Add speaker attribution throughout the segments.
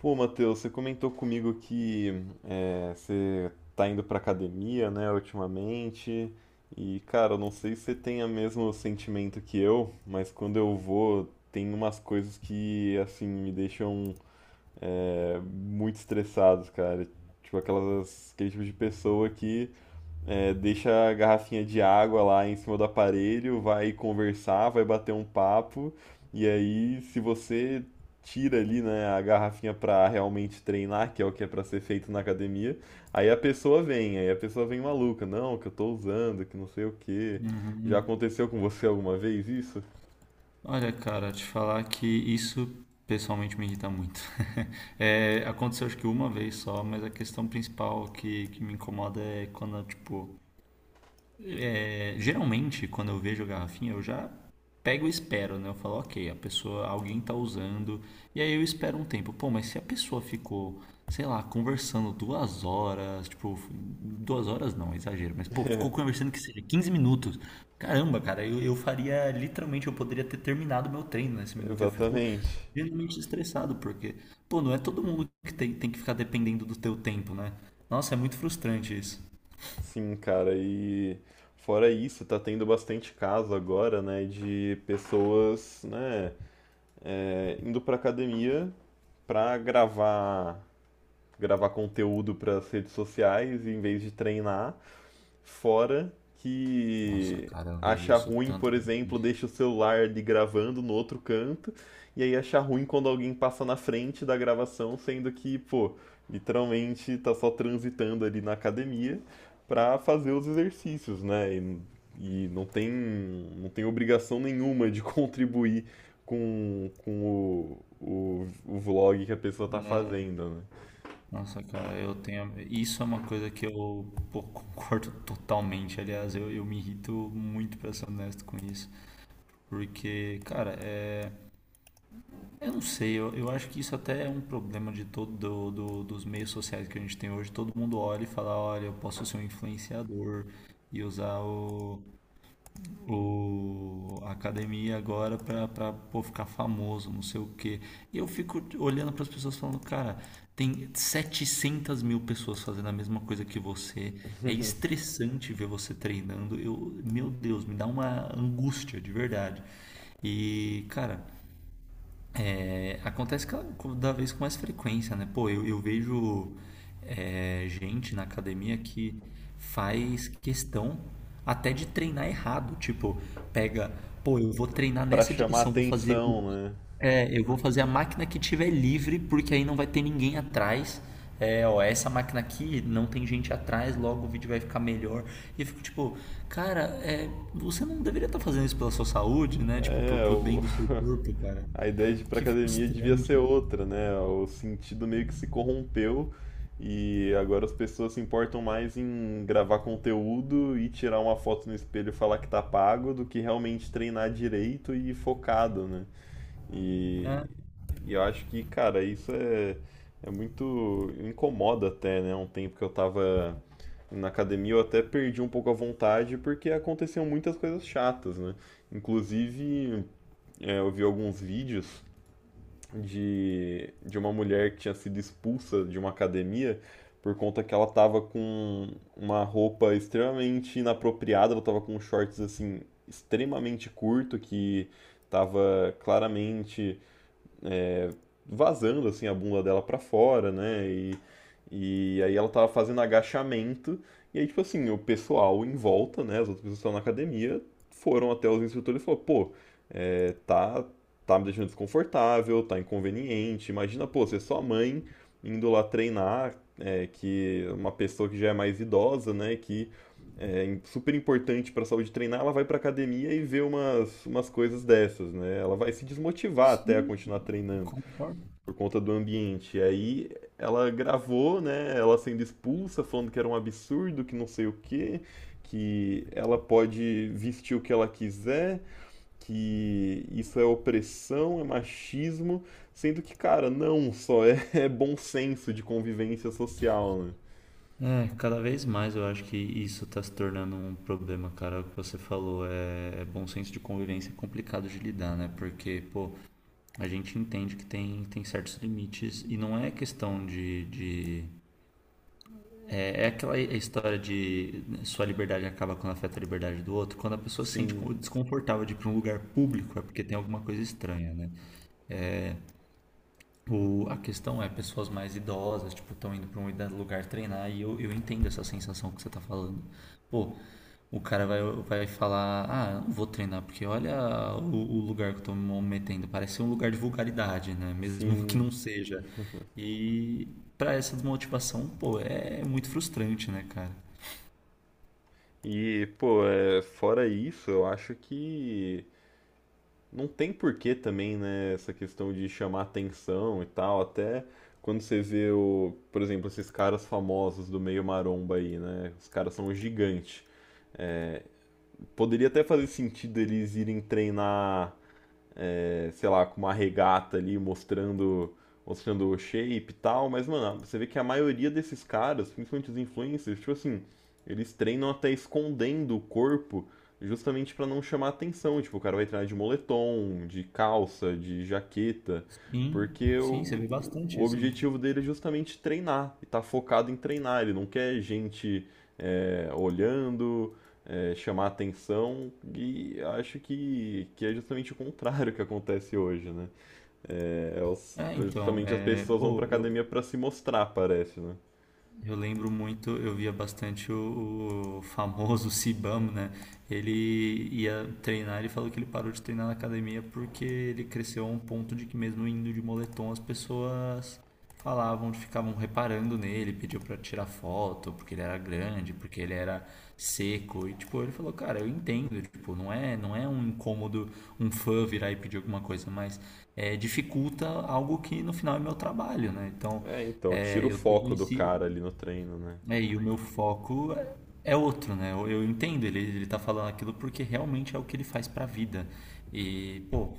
Speaker 1: Pô, Matheus, você comentou comigo que você tá indo pra academia, né, ultimamente. E, cara, eu não sei se você tem o mesmo sentimento que eu, mas quando eu vou, tem umas coisas que, assim, me deixam muito estressados, cara. Tipo, aquele tipo de pessoa que deixa a garrafinha de água lá em cima do aparelho, vai conversar, vai bater um papo, e aí se você tira ali, né, a garrafinha para realmente treinar, que é o que é para ser feito na academia, aí a pessoa vem, aí a pessoa vem maluca, não, que eu tô usando, que não sei o quê. Já
Speaker 2: Uhum.
Speaker 1: aconteceu com você alguma vez isso?
Speaker 2: Olha, cara, te falar que isso pessoalmente me irrita muito. Aconteceu acho que uma vez só, mas a questão principal que me incomoda é quando, tipo, geralmente, quando eu vejo a garrafinha, eu já pego e espero, né? Eu falo, ok, a pessoa, alguém tá usando, e aí eu espero um tempo. Pô, mas se a pessoa ficou, sei lá, conversando 2 horas, tipo, 2 horas não, é exagero, mas pô, ficou conversando que seja 15 minutos. Caramba, cara, eu faria, literalmente, eu poderia ter terminado meu treino nesse minuto, e eu fico
Speaker 1: Exatamente.
Speaker 2: genuinamente estressado, porque, pô, não é todo mundo que tem, tem que ficar dependendo do teu tempo, né? Nossa, é muito frustrante isso.
Speaker 1: Sim, cara, e fora isso, tá tendo bastante caso agora, né, de pessoas, né, indo para academia para gravar conteúdo para as redes sociais em vez de treinar. Fora
Speaker 2: Nossa,
Speaker 1: que
Speaker 2: cara, eu vejo
Speaker 1: acha
Speaker 2: isso
Speaker 1: ruim, por
Speaker 2: tanto.
Speaker 1: exemplo, deixa o celular ali gravando no outro canto, e aí acha ruim quando alguém passa na frente da gravação, sendo que, pô, literalmente tá só transitando ali na academia para fazer os exercícios, né? E não tem obrigação nenhuma de contribuir com o vlog que a pessoa tá fazendo, né?
Speaker 2: Nossa, cara, eu tenho. Isso é uma coisa que eu pô, concordo totalmente. Aliás, eu me irrito muito, pra ser honesto com isso. Porque, cara, é. Eu não sei, eu acho que isso até é um problema de todo dos meios sociais que a gente tem hoje. Todo mundo olha e fala, olha, eu posso ser um influenciador e usar a academia agora para pra pô, ficar famoso, não sei o quê. E eu fico olhando para as pessoas falando, cara, tem 700 mil pessoas fazendo a mesma coisa que você. É estressante ver você treinando. Eu, meu Deus, me dá uma angústia de verdade. E, cara, acontece cada vez com mais frequência, né? Pô, eu vejo gente na academia que faz questão até de treinar errado. Tipo, pega, pô, eu vou treinar
Speaker 1: Para
Speaker 2: nessa
Speaker 1: chamar
Speaker 2: direção, vou fazer,
Speaker 1: atenção, né?
Speaker 2: eu vou fazer a máquina que tiver livre, porque aí não vai ter ninguém atrás. É, ó, essa máquina aqui não tem gente atrás, logo o vídeo vai ficar melhor. E eu fico tipo, cara, é, você não deveria estar fazendo isso pela sua saúde, né? Tipo,
Speaker 1: É,
Speaker 2: pro bem do seu corpo, cara.
Speaker 1: a ideia de ir pra
Speaker 2: Que
Speaker 1: academia devia ser
Speaker 2: frustrante.
Speaker 1: outra, né? O sentido meio que se corrompeu e agora as pessoas se importam mais em gravar conteúdo e tirar uma foto no espelho e falar que tá pago do que realmente treinar direito e focado, né? E,
Speaker 2: É,
Speaker 1: e eu acho que, cara, isso é, é muito. Incomoda até, né? Um tempo que eu tava na academia eu até perdi um pouco a vontade porque aconteciam muitas coisas chatas, né? Inclusive, eu vi alguns vídeos de uma mulher que tinha sido expulsa de uma academia por conta que ela tava com uma roupa extremamente inapropriada, ela tava com shorts assim extremamente curto que tava claramente vazando assim a bunda dela pra fora, né? E aí ela tava fazendo agachamento. E aí, tipo assim, o pessoal em volta, né? As outras pessoas que estavam na academia foram até os instrutores e falaram, pô, é, tá, tá me deixando desconfortável, tá inconveniente. Imagina, pô, ser sua mãe indo lá treinar, que uma pessoa que já é mais idosa, né? Que é super importante pra saúde treinar, ela vai pra academia e vê umas coisas dessas, né? Ela vai se desmotivar até a
Speaker 2: sim,
Speaker 1: continuar treinando
Speaker 2: concordo.
Speaker 1: por conta do ambiente. E aí ela gravou, né, ela sendo expulsa, falando que era um absurdo, que não sei o quê, que ela pode vestir o que ela quiser, que isso é opressão, é machismo, sendo que, cara, não, só é, é bom senso de convivência social, né?
Speaker 2: É, cada vez mais eu acho que isso está se tornando um problema, cara. O que você falou é, é bom senso de convivência é complicado de lidar, né? Porque, pô, a gente entende que tem, tem certos limites e não é questão de é aquela é história de sua liberdade acaba quando afeta a liberdade do outro. Quando a pessoa se sente
Speaker 1: Sim,
Speaker 2: desconfortável de ir para um lugar público, é porque tem alguma coisa estranha, né? O, a questão é pessoas mais idosas, tipo, estão indo para um lugar treinar e eu entendo essa sensação que você tá falando. Pô, o cara vai falar, ah, eu não vou treinar, porque olha o lugar que eu tô me metendo, parece ser um lugar de vulgaridade, né? Mesmo que
Speaker 1: sim.
Speaker 2: não seja. E para essa desmotivação, pô, é muito frustrante, né, cara?
Speaker 1: E, pô, fora isso, eu acho que não tem porquê também, né, essa questão de chamar atenção e tal, até quando você vê por exemplo, esses caras famosos do meio maromba aí, né? Os caras são gigantes. Poderia até fazer sentido eles irem treinar sei lá, com uma regata ali mostrando, o shape e tal, mas, mano, você vê que a maioria desses caras, principalmente os influencers, tipo assim, eles treinam até escondendo o corpo justamente pra não chamar atenção. Tipo, o cara vai treinar de moletom, de calça, de jaqueta,
Speaker 2: Sim,
Speaker 1: porque
Speaker 2: sim, você vê bastante
Speaker 1: o
Speaker 2: isso, né?
Speaker 1: objetivo dele é justamente treinar, e tá focado em treinar, ele não quer gente olhando, chamar atenção e acho que é justamente o contrário que acontece hoje, né? É,
Speaker 2: É,
Speaker 1: é
Speaker 2: então,
Speaker 1: justamente as
Speaker 2: é,
Speaker 1: pessoas vão pra
Speaker 2: pô,
Speaker 1: academia
Speaker 2: eu,
Speaker 1: pra se mostrar, parece, né?
Speaker 2: Eu lembro muito, eu via bastante o famoso Sibam né? Ele ia treinar, ele falou que ele parou de treinar na academia porque ele cresceu a um ponto de que mesmo indo de moletom as pessoas falavam, ficavam reparando nele, pediu pra tirar foto, porque ele era grande, porque ele era seco e tipo, ele falou, cara, eu entendo, tipo, não é um incômodo um fã virar e pedir alguma coisa, mas é, dificulta algo que no final é meu trabalho, né? Então,
Speaker 1: É, então, tira o
Speaker 2: eu tenho
Speaker 1: foco do
Speaker 2: esse,
Speaker 1: cara ali no treino, né?
Speaker 2: é, e o meu foco é outro, né? Eu entendo ele, ele tá falando aquilo porque realmente é o que ele faz pra vida. E, pô,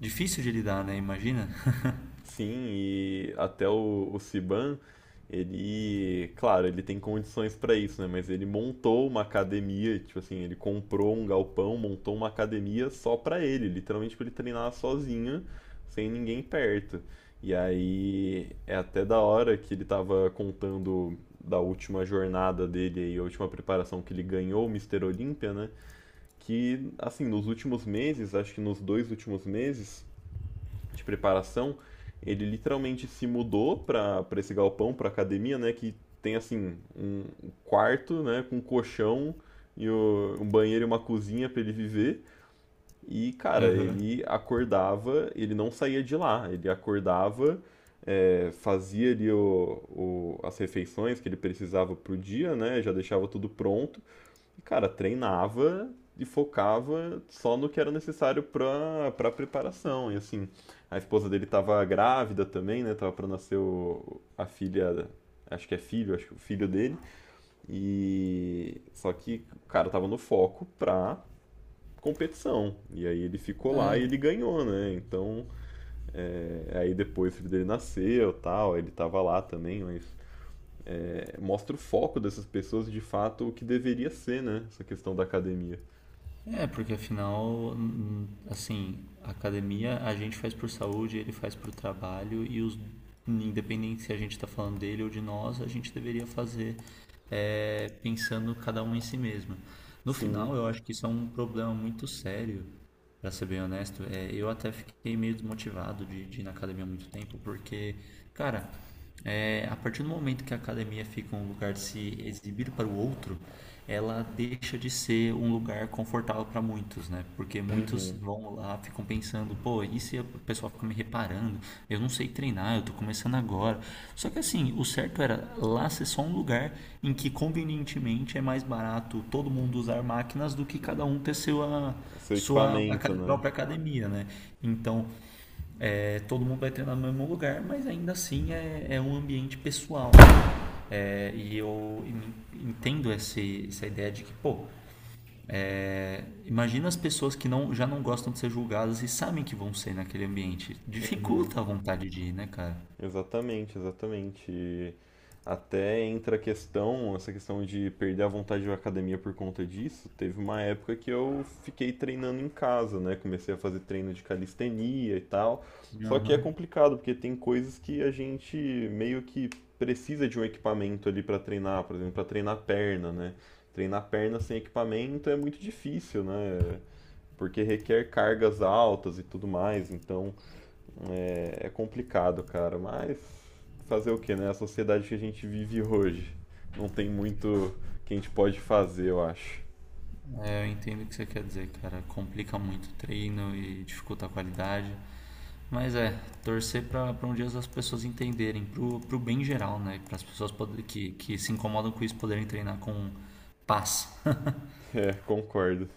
Speaker 2: difícil de lidar, né? Imagina.
Speaker 1: Sim, e até o Siban, ele, claro, ele tem condições para isso, né? Mas ele montou uma academia, tipo assim, ele comprou um galpão, montou uma academia só para ele, literalmente para ele treinar sozinho, sem ninguém perto. E aí é até da hora que ele tava contando da última jornada dele aí, a última preparação que ele ganhou o Mister Olímpia, né? Que, assim, nos últimos meses, acho que nos 2 últimos meses, de preparação, ele literalmente se mudou para esse galpão, para a academia, né? Que tem assim um quarto, né? Com um colchão e um banheiro e uma cozinha para ele viver. E cara,
Speaker 2: Aham.
Speaker 1: ele acordava, ele não saía de lá. Ele acordava, fazia ali as refeições que ele precisava pro dia, né? Já deixava tudo pronto. E, cara, treinava e focava só no que era necessário pra, preparação. E assim, a esposa dele tava grávida também, né? Tava pra nascer a filha, acho que é filho, acho que o filho dele. E só que o cara tava no foco pra competição. E aí ele ficou lá e ele ganhou, né? Então, aí depois o filho dele nasceu, tal, ele tava lá também, mas mostra o foco dessas pessoas de fato o que deveria ser, né? Essa questão da academia.
Speaker 2: É, porque afinal, assim, a academia a gente faz por saúde, ele faz por trabalho e os, independente se a gente tá falando dele ou de nós, a gente deveria fazer pensando cada um em si mesmo. No
Speaker 1: Sim.
Speaker 2: final, eu acho que isso é um problema muito sério. Pra ser bem honesto, é, eu até fiquei meio desmotivado de ir na academia há muito tempo, porque, cara, é, a partir do momento que a academia fica um lugar de se exibir para o outro, ela deixa de ser um lugar confortável para muitos, né? Porque muitos
Speaker 1: Uhum.
Speaker 2: vão lá, ficam pensando, pô, e se o pessoal fica me reparando? Eu não sei treinar, eu tô começando agora. Só que assim, o certo era lá ser só um lugar em que convenientemente é mais barato todo mundo usar máquinas do que cada um ter seu, ah,
Speaker 1: Seu equipamento, né?
Speaker 2: própria academia, né? Então, é, todo mundo vai treinar no mesmo lugar, mas ainda assim é um ambiente pessoal. É, e eu entendo essa ideia de que, pô, é, imagina as pessoas que não, já não gostam de ser julgadas e sabem que vão ser naquele ambiente.
Speaker 1: Uhum.
Speaker 2: Dificulta a vontade de ir, né, cara?
Speaker 1: Exatamente, exatamente. E até entra a questão, essa questão de perder a vontade da academia por conta disso. Teve uma época que eu fiquei treinando em casa, né? Comecei a fazer treino de calistenia e tal. Só que é
Speaker 2: Aham.
Speaker 1: complicado, porque tem coisas que a gente meio que precisa de um equipamento ali para treinar, por exemplo, para treinar perna, né? Treinar perna sem equipamento é muito difícil, né? Porque requer cargas altas e tudo mais, então é complicado, cara. Mas fazer o que, né? A sociedade que a gente vive hoje não tem muito que a gente pode fazer, eu acho.
Speaker 2: É, eu entendo o que você quer dizer, cara. Complica muito o treino e dificulta a qualidade. Mas é, torcer para um dia as pessoas entenderem, pro bem geral, né? Para as pessoas poder, que se incomodam com isso poderem treinar com paz.
Speaker 1: É, concordo.